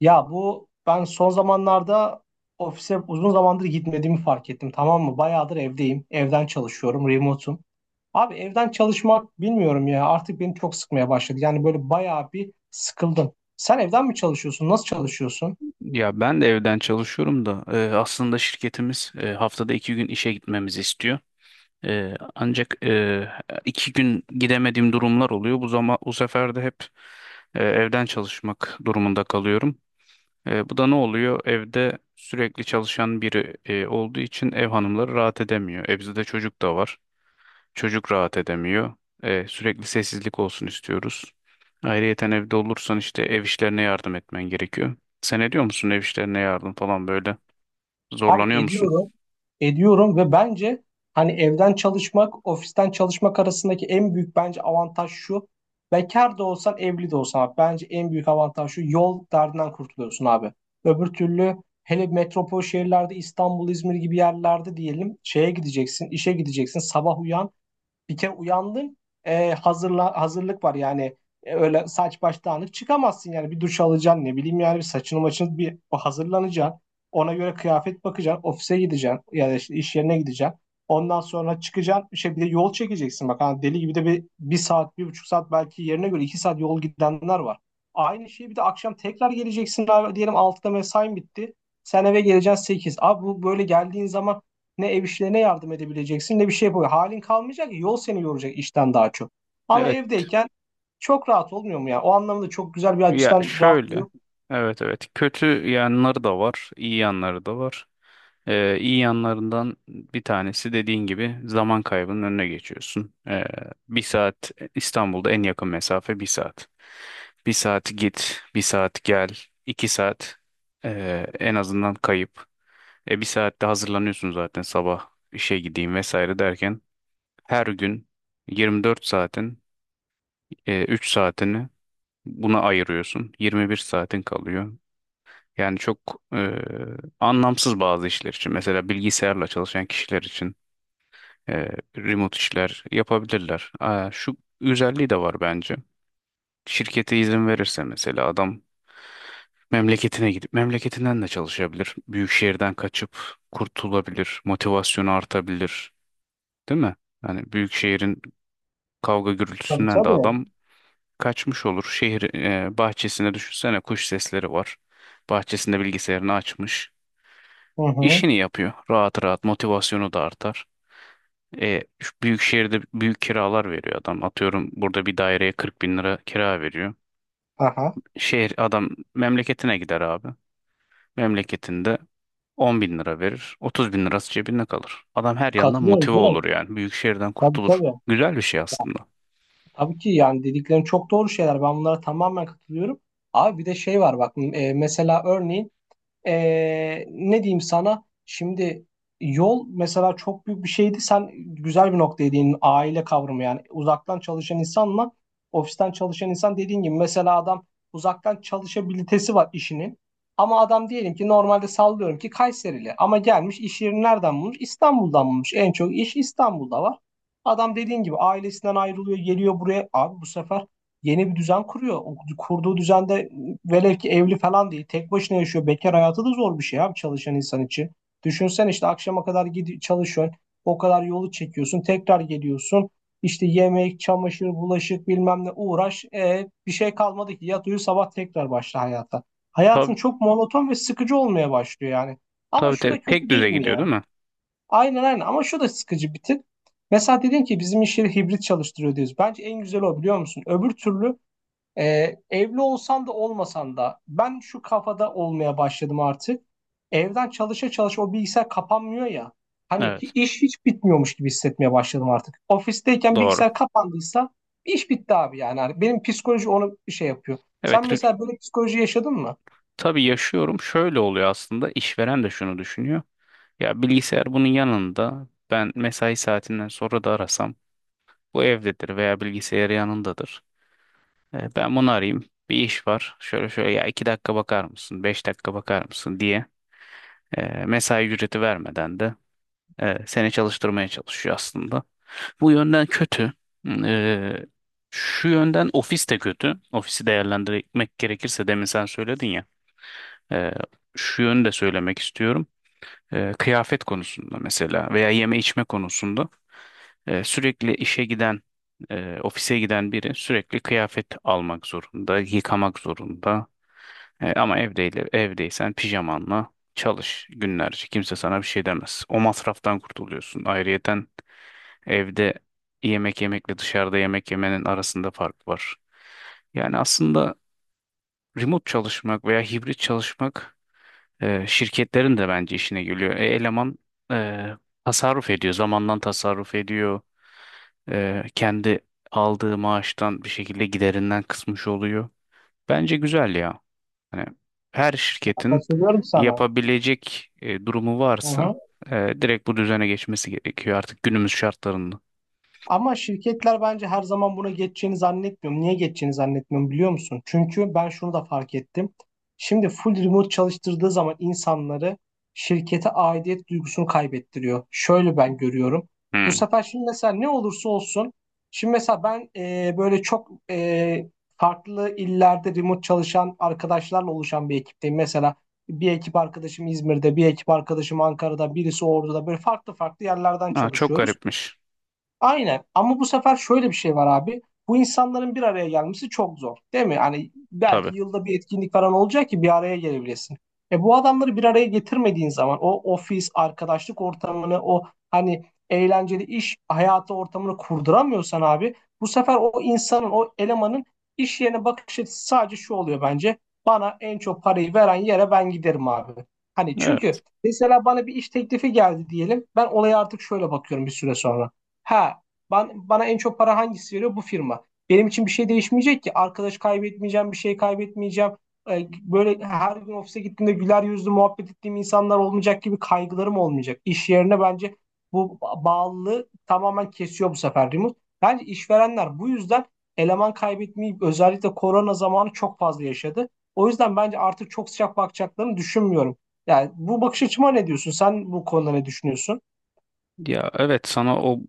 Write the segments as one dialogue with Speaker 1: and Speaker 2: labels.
Speaker 1: Ya bu ben son zamanlarda ofise uzun zamandır gitmediğimi fark ettim, tamam mı? Bayağıdır evdeyim. Evden çalışıyorum, remote'um. Abi evden çalışmak bilmiyorum ya, artık beni çok sıkmaya başladı. Yani böyle bayağı bir sıkıldım. Sen evden mi çalışıyorsun? Nasıl çalışıyorsun?
Speaker 2: Ya ben de evden çalışıyorum da aslında şirketimiz haftada iki gün işe gitmemizi istiyor. E, ancak e, iki gün gidemediğim durumlar oluyor. Bu zaman bu sefer de hep evden çalışmak durumunda kalıyorum. Bu da ne oluyor? Evde sürekli çalışan biri olduğu için ev hanımları rahat edemiyor. E bizde de çocuk da var. Çocuk rahat edemiyor. Sürekli sessizlik olsun istiyoruz. Ayrıyeten evde olursan işte ev işlerine yardım etmen gerekiyor. Sen ediyor musun ev işlerine yardım falan böyle?
Speaker 1: Abi
Speaker 2: Zorlanıyor musun?
Speaker 1: ediyorum, ediyorum ve bence hani evden çalışmak, ofisten çalışmak arasındaki en büyük bence avantaj şu. Bekar da olsan, evli de olsan abi, bence en büyük avantaj şu. Yol derdinden kurtuluyorsun abi. Öbür türlü hele metropol şehirlerde İstanbul, İzmir gibi yerlerde diyelim şeye gideceksin, işe gideceksin, sabah uyan, bir kere uyandın, hazırlık var yani. Öyle saç baş dağınık çıkamazsın, yani bir duş alacaksın, ne bileyim yani bir saçını maçını bir hazırlanacaksın. Ona göre kıyafet bakacaksın, ofise gideceksin ya da işte iş yerine gideceksin. Ondan sonra çıkacaksın, şey, bir de yol çekeceksin bak, hani deli gibi de bir saat, 1,5 saat, belki yerine göre 2 saat yol gidenler var. Aynı şey, bir de akşam tekrar geleceksin abi, diyelim 6'da mesain bitti. Sen eve geleceksin 8. Abi bu böyle geldiğin zaman ne ev işlerine yardım edebileceksin ne bir şey yapabilir. Halin kalmayacak, yol seni yoracak işten daha çok. Ama
Speaker 2: Evet.
Speaker 1: evdeyken çok rahat olmuyor mu ya? O anlamda çok güzel, bir
Speaker 2: Ya
Speaker 1: açıdan rahatlığı
Speaker 2: şöyle.
Speaker 1: yok mu?
Speaker 2: Evet, evet. Kötü yanları da var, iyi yanları da var. İyi yanlarından bir tanesi dediğin gibi zaman kaybının önüne geçiyorsun. Bir saat, İstanbul'da en yakın mesafe bir saat. Bir saat git, bir saat gel, iki saat en azından kayıp. Bir saatte hazırlanıyorsun zaten, sabah işe gideyim vesaire derken her gün 24 saatin 3 saatini buna ayırıyorsun. 21 saatin kalıyor. Yani çok anlamsız bazı işler için. Mesela bilgisayarla çalışan kişiler için e, remote işler yapabilirler. Aa, şu özelliği de var bence. Şirkete izin verirse mesela adam memleketine gidip memleketinden de çalışabilir. Büyük şehirden kaçıp kurtulabilir. Motivasyonu artabilir. Değil mi? Yani büyük şehrin kavga
Speaker 1: Tabii,
Speaker 2: gürültüsünden de adam
Speaker 1: tabii.
Speaker 2: kaçmış olur. Şehir bahçesine, düşünsene kuş sesleri var. Bahçesinde bilgisayarını açmış,
Speaker 1: Hı hı.
Speaker 2: işini yapıyor rahat rahat, motivasyonu da artar. Şu büyük şehirde büyük kiralar veriyor adam. Atıyorum burada bir daireye 40 bin lira kira veriyor.
Speaker 1: Aha.
Speaker 2: Şehir adam memleketine gider abi. Memleketinde 10 bin lira verir. 30 bin lirası cebinde kalır. Adam her yandan
Speaker 1: Katılıyorum
Speaker 2: motive olur
Speaker 1: canım.
Speaker 2: yani. Büyük şehirden
Speaker 1: Tabii,
Speaker 2: kurtulur.
Speaker 1: tabii.
Speaker 2: Güzel bir şey aslında.
Speaker 1: Tabii ki, yani dediklerin çok doğru şeyler. Ben bunlara tamamen katılıyorum. Abi bir de şey var bak, mesela, örneğin, ne diyeyim sana? Şimdi yol mesela çok büyük bir şeydi. Sen güzel bir noktaya değindin. Aile kavramı yani. Uzaktan çalışan insanla ofisten çalışan insan, dediğin gibi mesela adam uzaktan çalışabilitesi var işinin. Ama adam diyelim ki, normalde sallıyorum ki Kayserili, ama gelmiş iş yerini nereden bulmuş? İstanbul'dan bulmuş. En çok iş İstanbul'da var. Adam dediğin gibi ailesinden ayrılıyor, geliyor buraya. Abi bu sefer yeni bir düzen kuruyor. O kurduğu düzende velev ki evli falan değil, tek başına yaşıyor. Bekar hayatı da zor bir şey abi, çalışan insan için. Düşünsen, işte akşama kadar gidi çalışıyorsun. O kadar yolu çekiyorsun. Tekrar geliyorsun. İşte yemek, çamaşır, bulaşık, bilmem ne uğraş. Bir şey kalmadı ki. Yat uyu, sabah tekrar başla hayata. Hayatın
Speaker 2: Tabii,
Speaker 1: çok monoton ve sıkıcı olmaya başlıyor yani. Ama
Speaker 2: tabii,
Speaker 1: şu
Speaker 2: tabii.
Speaker 1: da
Speaker 2: Tek
Speaker 1: kötü değil
Speaker 2: düze
Speaker 1: mi
Speaker 2: gidiyor, değil
Speaker 1: ya?
Speaker 2: mi?
Speaker 1: Aynen, aynen, ama şu da sıkıcı bir tık. Mesela dedin ki bizim iş yeri hibrit çalıştırıyor diyoruz. Bence en güzel o, biliyor musun? Öbür türlü evli olsan da olmasan da ben şu kafada olmaya başladım artık. Evden çalışa çalışa o bilgisayar kapanmıyor ya. Hani
Speaker 2: Evet.
Speaker 1: iş hiç bitmiyormuş gibi hissetmeye başladım artık. Ofisteyken
Speaker 2: Doğru.
Speaker 1: bilgisayar kapandıysa iş bitti abi yani. Hani benim psikoloji onu bir şey yapıyor.
Speaker 2: Evet.
Speaker 1: Sen mesela böyle psikoloji yaşadın mı?
Speaker 2: Tabii yaşıyorum. Şöyle oluyor aslında. İşveren de şunu düşünüyor. Ya bilgisayar bunun yanında, ben mesai saatinden sonra da arasam bu evdedir veya bilgisayarı yanındadır. Ben bunu arayayım, bir iş var şöyle şöyle, ya iki dakika bakar mısın, beş dakika bakar mısın diye mesai ücreti vermeden de seni çalıştırmaya çalışıyor aslında. Bu yönden kötü. E, Şu yönden ofis de kötü. Ofisi değerlendirmek gerekirse demin sen söyledin ya. e, Şu yönü de söylemek istiyorum. Kıyafet konusunda mesela veya yeme içme konusunda sürekli işe giden, ofise giden biri sürekli kıyafet almak zorunda, yıkamak zorunda. Ama evdeyle, evdeysen pijamanla çalış günlerce. Kimse sana bir şey demez. O masraftan kurtuluyorsun. Ayrıyeten evde yemek yemekle dışarıda yemek yemenin arasında fark var. Yani aslında remote çalışmak veya hibrit çalışmak şirketlerin de bence işine geliyor. Eleman e, tasarruf ediyor. Zamandan tasarruf ediyor. Kendi aldığı maaştan bir şekilde giderinden kısmış oluyor. Bence güzel ya. Hani her şirketin
Speaker 1: Katılıyorum sana.
Speaker 2: yapabilecek durumu
Speaker 1: Hı
Speaker 2: varsa
Speaker 1: hı.
Speaker 2: direkt bu düzene geçmesi gerekiyor artık günümüz şartlarında.
Speaker 1: Ama şirketler bence her zaman buna geçeceğini zannetmiyorum. Niye geçeceğini zannetmiyorum, biliyor musun? Çünkü ben şunu da fark ettim. Şimdi full remote çalıştırdığı zaman insanları, şirkete aidiyet duygusunu kaybettiriyor. Şöyle ben görüyorum. Bu
Speaker 2: Hmm.
Speaker 1: sefer şimdi mesela, ne olursa olsun. Şimdi mesela ben böyle çok farklı illerde remote çalışan arkadaşlarla oluşan bir ekipteyim. Mesela bir ekip arkadaşım İzmir'de, bir ekip arkadaşım Ankara'da, birisi Ordu'da, böyle farklı farklı yerlerden
Speaker 2: Aa, çok
Speaker 1: çalışıyoruz.
Speaker 2: garipmiş.
Speaker 1: Aynen, ama bu sefer şöyle bir şey var abi. Bu insanların bir araya gelmesi çok zor değil mi? Hani
Speaker 2: Tabii.
Speaker 1: belki yılda bir etkinlik falan olacak ki bir araya gelebilesin. Bu adamları bir araya getirmediğin zaman o ofis, arkadaşlık ortamını, o hani eğlenceli iş hayatı ortamını kurduramıyorsan abi, bu sefer o insanın, o elemanın iş yerine bakış açısı sadece şu oluyor bence: bana en çok parayı veren yere ben giderim abi. Hani
Speaker 2: Evet.
Speaker 1: çünkü mesela bana bir iş teklifi geldi diyelim. Ben olaya artık şöyle bakıyorum bir süre sonra. Ha, bana en çok para hangisi veriyor? Bu firma. Benim için bir şey değişmeyecek ki. Arkadaş kaybetmeyeceğim, bir şey kaybetmeyeceğim. Böyle her gün ofise gittiğimde güler yüzlü muhabbet ettiğim insanlar olmayacak gibi kaygılarım olmayacak. İş yerine bence bu bağlılığı tamamen kesiyor bu sefer remote. Bence işverenler bu yüzden eleman kaybetmeyi özellikle korona zamanı çok fazla yaşadı. O yüzden bence artık çok sıcak bakacaklarını düşünmüyorum. Yani bu bakış açıma ne diyorsun? Sen bu konuda ne düşünüyorsun?
Speaker 2: Ya evet, sana o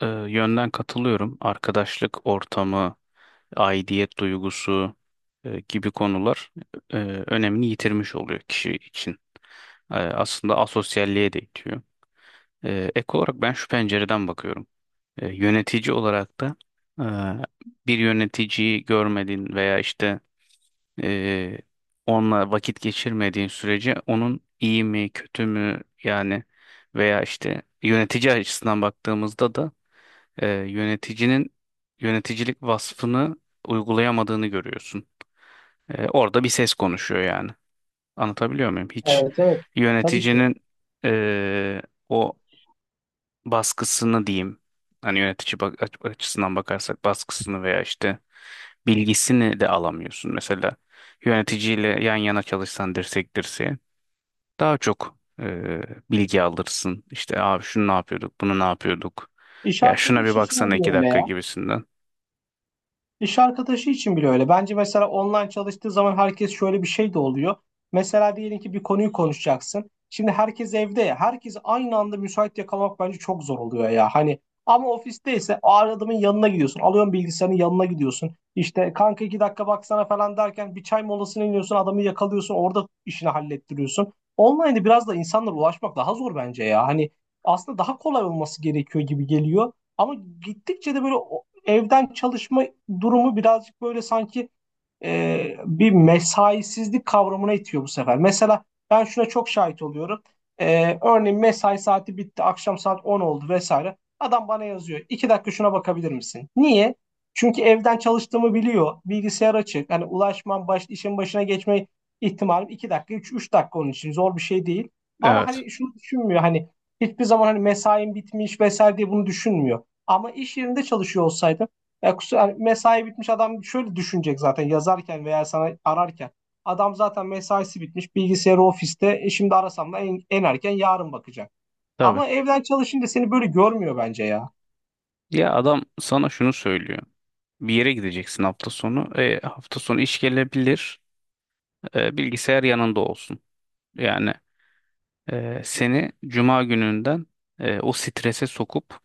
Speaker 2: yönden katılıyorum. Arkadaşlık ortamı, aidiyet duygusu gibi konular e, önemini yitirmiş oluyor kişi için. Aslında asosyalliğe de itiyor. Ek olarak ben şu pencereden bakıyorum. Yönetici olarak da e, bir yöneticiyi görmediğin veya işte e, onunla vakit geçirmediğin sürece onun iyi mi kötü mü yani, veya işte yönetici açısından baktığımızda da yöneticinin yöneticilik vasfını uygulayamadığını görüyorsun. Orada bir ses konuşuyor yani. Anlatabiliyor muyum? Hiç
Speaker 1: Evet, evet, tabii ki.
Speaker 2: yöneticinin e, o baskısını diyeyim. Hani yönetici bak açısından bakarsak baskısını veya işte bilgisini de alamıyorsun. Mesela yöneticiyle yan yana çalışsan dirsek dirseğe daha çok bilgi alırsın. İşte abi şunu ne yapıyorduk, bunu ne yapıyorduk.
Speaker 1: İş
Speaker 2: Ya şuna bir
Speaker 1: arkadaşı için
Speaker 2: baksana
Speaker 1: de
Speaker 2: iki
Speaker 1: öyle
Speaker 2: dakika
Speaker 1: ya.
Speaker 2: gibisinden.
Speaker 1: İş arkadaşı için bile öyle. Bence mesela online çalıştığı zaman herkes, şöyle bir şey de oluyor. Mesela diyelim ki bir konuyu konuşacaksın. Şimdi herkes evde ya. Herkesi aynı anda müsait yakalamak bence çok zor oluyor ya. Hani ama ofisteyse o adamın yanına gidiyorsun. Alıyorsun bilgisayarın, yanına gidiyorsun. İşte kanka 2 dakika baksana falan derken bir çay molasına iniyorsun. Adamı yakalıyorsun. Orada işini hallettiriyorsun. Online'de biraz da insanlara ulaşmak daha zor bence ya. Hani aslında daha kolay olması gerekiyor gibi geliyor. Ama gittikçe de böyle evden çalışma durumu birazcık böyle sanki bir mesaisizlik kavramına itiyor bu sefer. Mesela ben şuna çok şahit oluyorum. Örneğin mesai saati bitti, akşam saat 10 oldu vesaire. Adam bana yazıyor: 2 dakika şuna bakabilir misin? Niye? Çünkü evden çalıştığımı biliyor. Bilgisayar açık. Hani ulaşmam, işin başına geçme ihtimalim 2 dakika, üç dakika onun için. Zor bir şey değil. Ama
Speaker 2: Evet.
Speaker 1: hani şunu düşünmüyor. Hani hiçbir zaman hani mesain bitmiş vesaire diye bunu düşünmüyor. Ama iş yerinde çalışıyor olsaydım ya kusura, yani mesai bitmiş, adam şöyle düşünecek zaten yazarken veya sana ararken. Adam zaten mesaisi bitmiş, bilgisayarı ofiste. Şimdi arasam da en erken yarın bakacak.
Speaker 2: Tabii.
Speaker 1: Ama evden çalışınca seni böyle görmüyor bence ya.
Speaker 2: Ya adam sana şunu söylüyor. Bir yere gideceksin hafta sonu. Hafta sonu iş gelebilir. Bilgisayar yanında olsun. Yani seni cuma gününden o strese sokup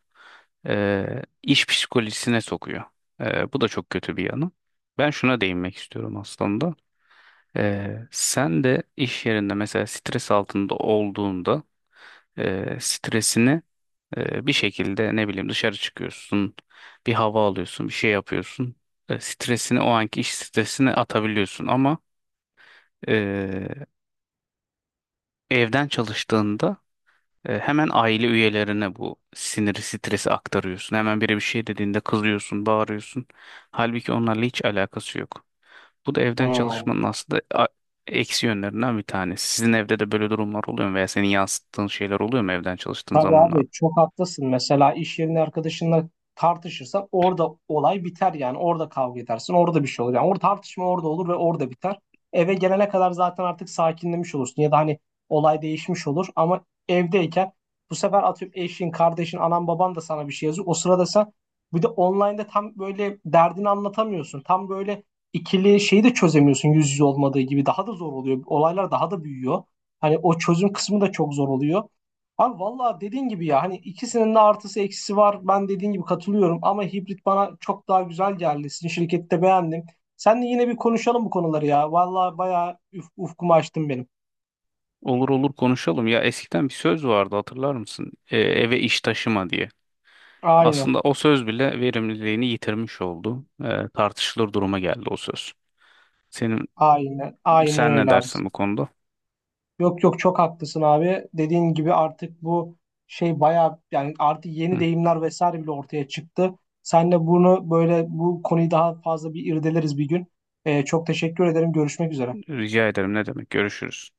Speaker 2: iş psikolojisine sokuyor. Bu da çok kötü bir yanı. Ben şuna değinmek istiyorum aslında. Sen de iş yerinde mesela stres altında olduğunda stresini bir şekilde ne bileyim dışarı çıkıyorsun, bir hava alıyorsun, bir şey yapıyorsun. Stresini, o anki iş stresini atabiliyorsun ama e, evden çalıştığında hemen aile üyelerine bu siniri, stresi aktarıyorsun. Hemen biri bir şey dediğinde kızıyorsun, bağırıyorsun. Halbuki onlarla hiç alakası yok. Bu da evden
Speaker 1: Hmm.
Speaker 2: çalışmanın aslında eksi yönlerinden bir tanesi. Sizin evde de böyle durumlar oluyor mu veya senin yansıttığın şeyler oluyor mu evden çalıştığın
Speaker 1: Tabii
Speaker 2: zamanlarda?
Speaker 1: abi, çok haklısın. Mesela iş yerinde arkadaşınla tartışırsan orada olay biter yani. Orada kavga edersin. Orada bir şey olur. Yani orada tartışma orada olur ve orada biter. Eve gelene kadar zaten artık sakinlemiş olursun. Ya da hani olay değişmiş olur. Ama evdeyken bu sefer atıyorum eşin, kardeşin, anan, baban da sana bir şey yazıyor. O sırada sen bir de online'da tam böyle derdini anlatamıyorsun. Tam böyle ikili şeyi de çözemiyorsun, yüz yüze olmadığı gibi. Daha da zor oluyor. Olaylar daha da büyüyor. Hani o çözüm kısmı da çok zor oluyor. Abi vallahi dediğin gibi ya, hani ikisinin de artısı eksisi var. Ben dediğin gibi katılıyorum ama hibrit bana çok daha güzel geldi. Sizin şirkette beğendim. Seninle yine bir konuşalım bu konuları ya. Vallahi bayağı ufkumu açtın benim.
Speaker 2: Olur olur konuşalım. Ya eskiden bir söz vardı, hatırlar mısın? Eve iş taşıma diye.
Speaker 1: Aynen.
Speaker 2: Aslında o söz bile verimliliğini yitirmiş oldu. Tartışılır duruma geldi o söz. Senin
Speaker 1: Aynen. Aynen
Speaker 2: sen ne
Speaker 1: öyle abi.
Speaker 2: dersin bu konuda?
Speaker 1: Yok, yok, çok haklısın abi. Dediğin gibi artık bu şey bayağı, yani artık yeni
Speaker 2: Hı,
Speaker 1: deyimler vesaire bile ortaya çıktı. Seninle bunu böyle, bu konuyu daha fazla bir irdeleriz bir gün. Çok teşekkür ederim. Görüşmek üzere.
Speaker 2: rica ederim ne demek? Görüşürüz.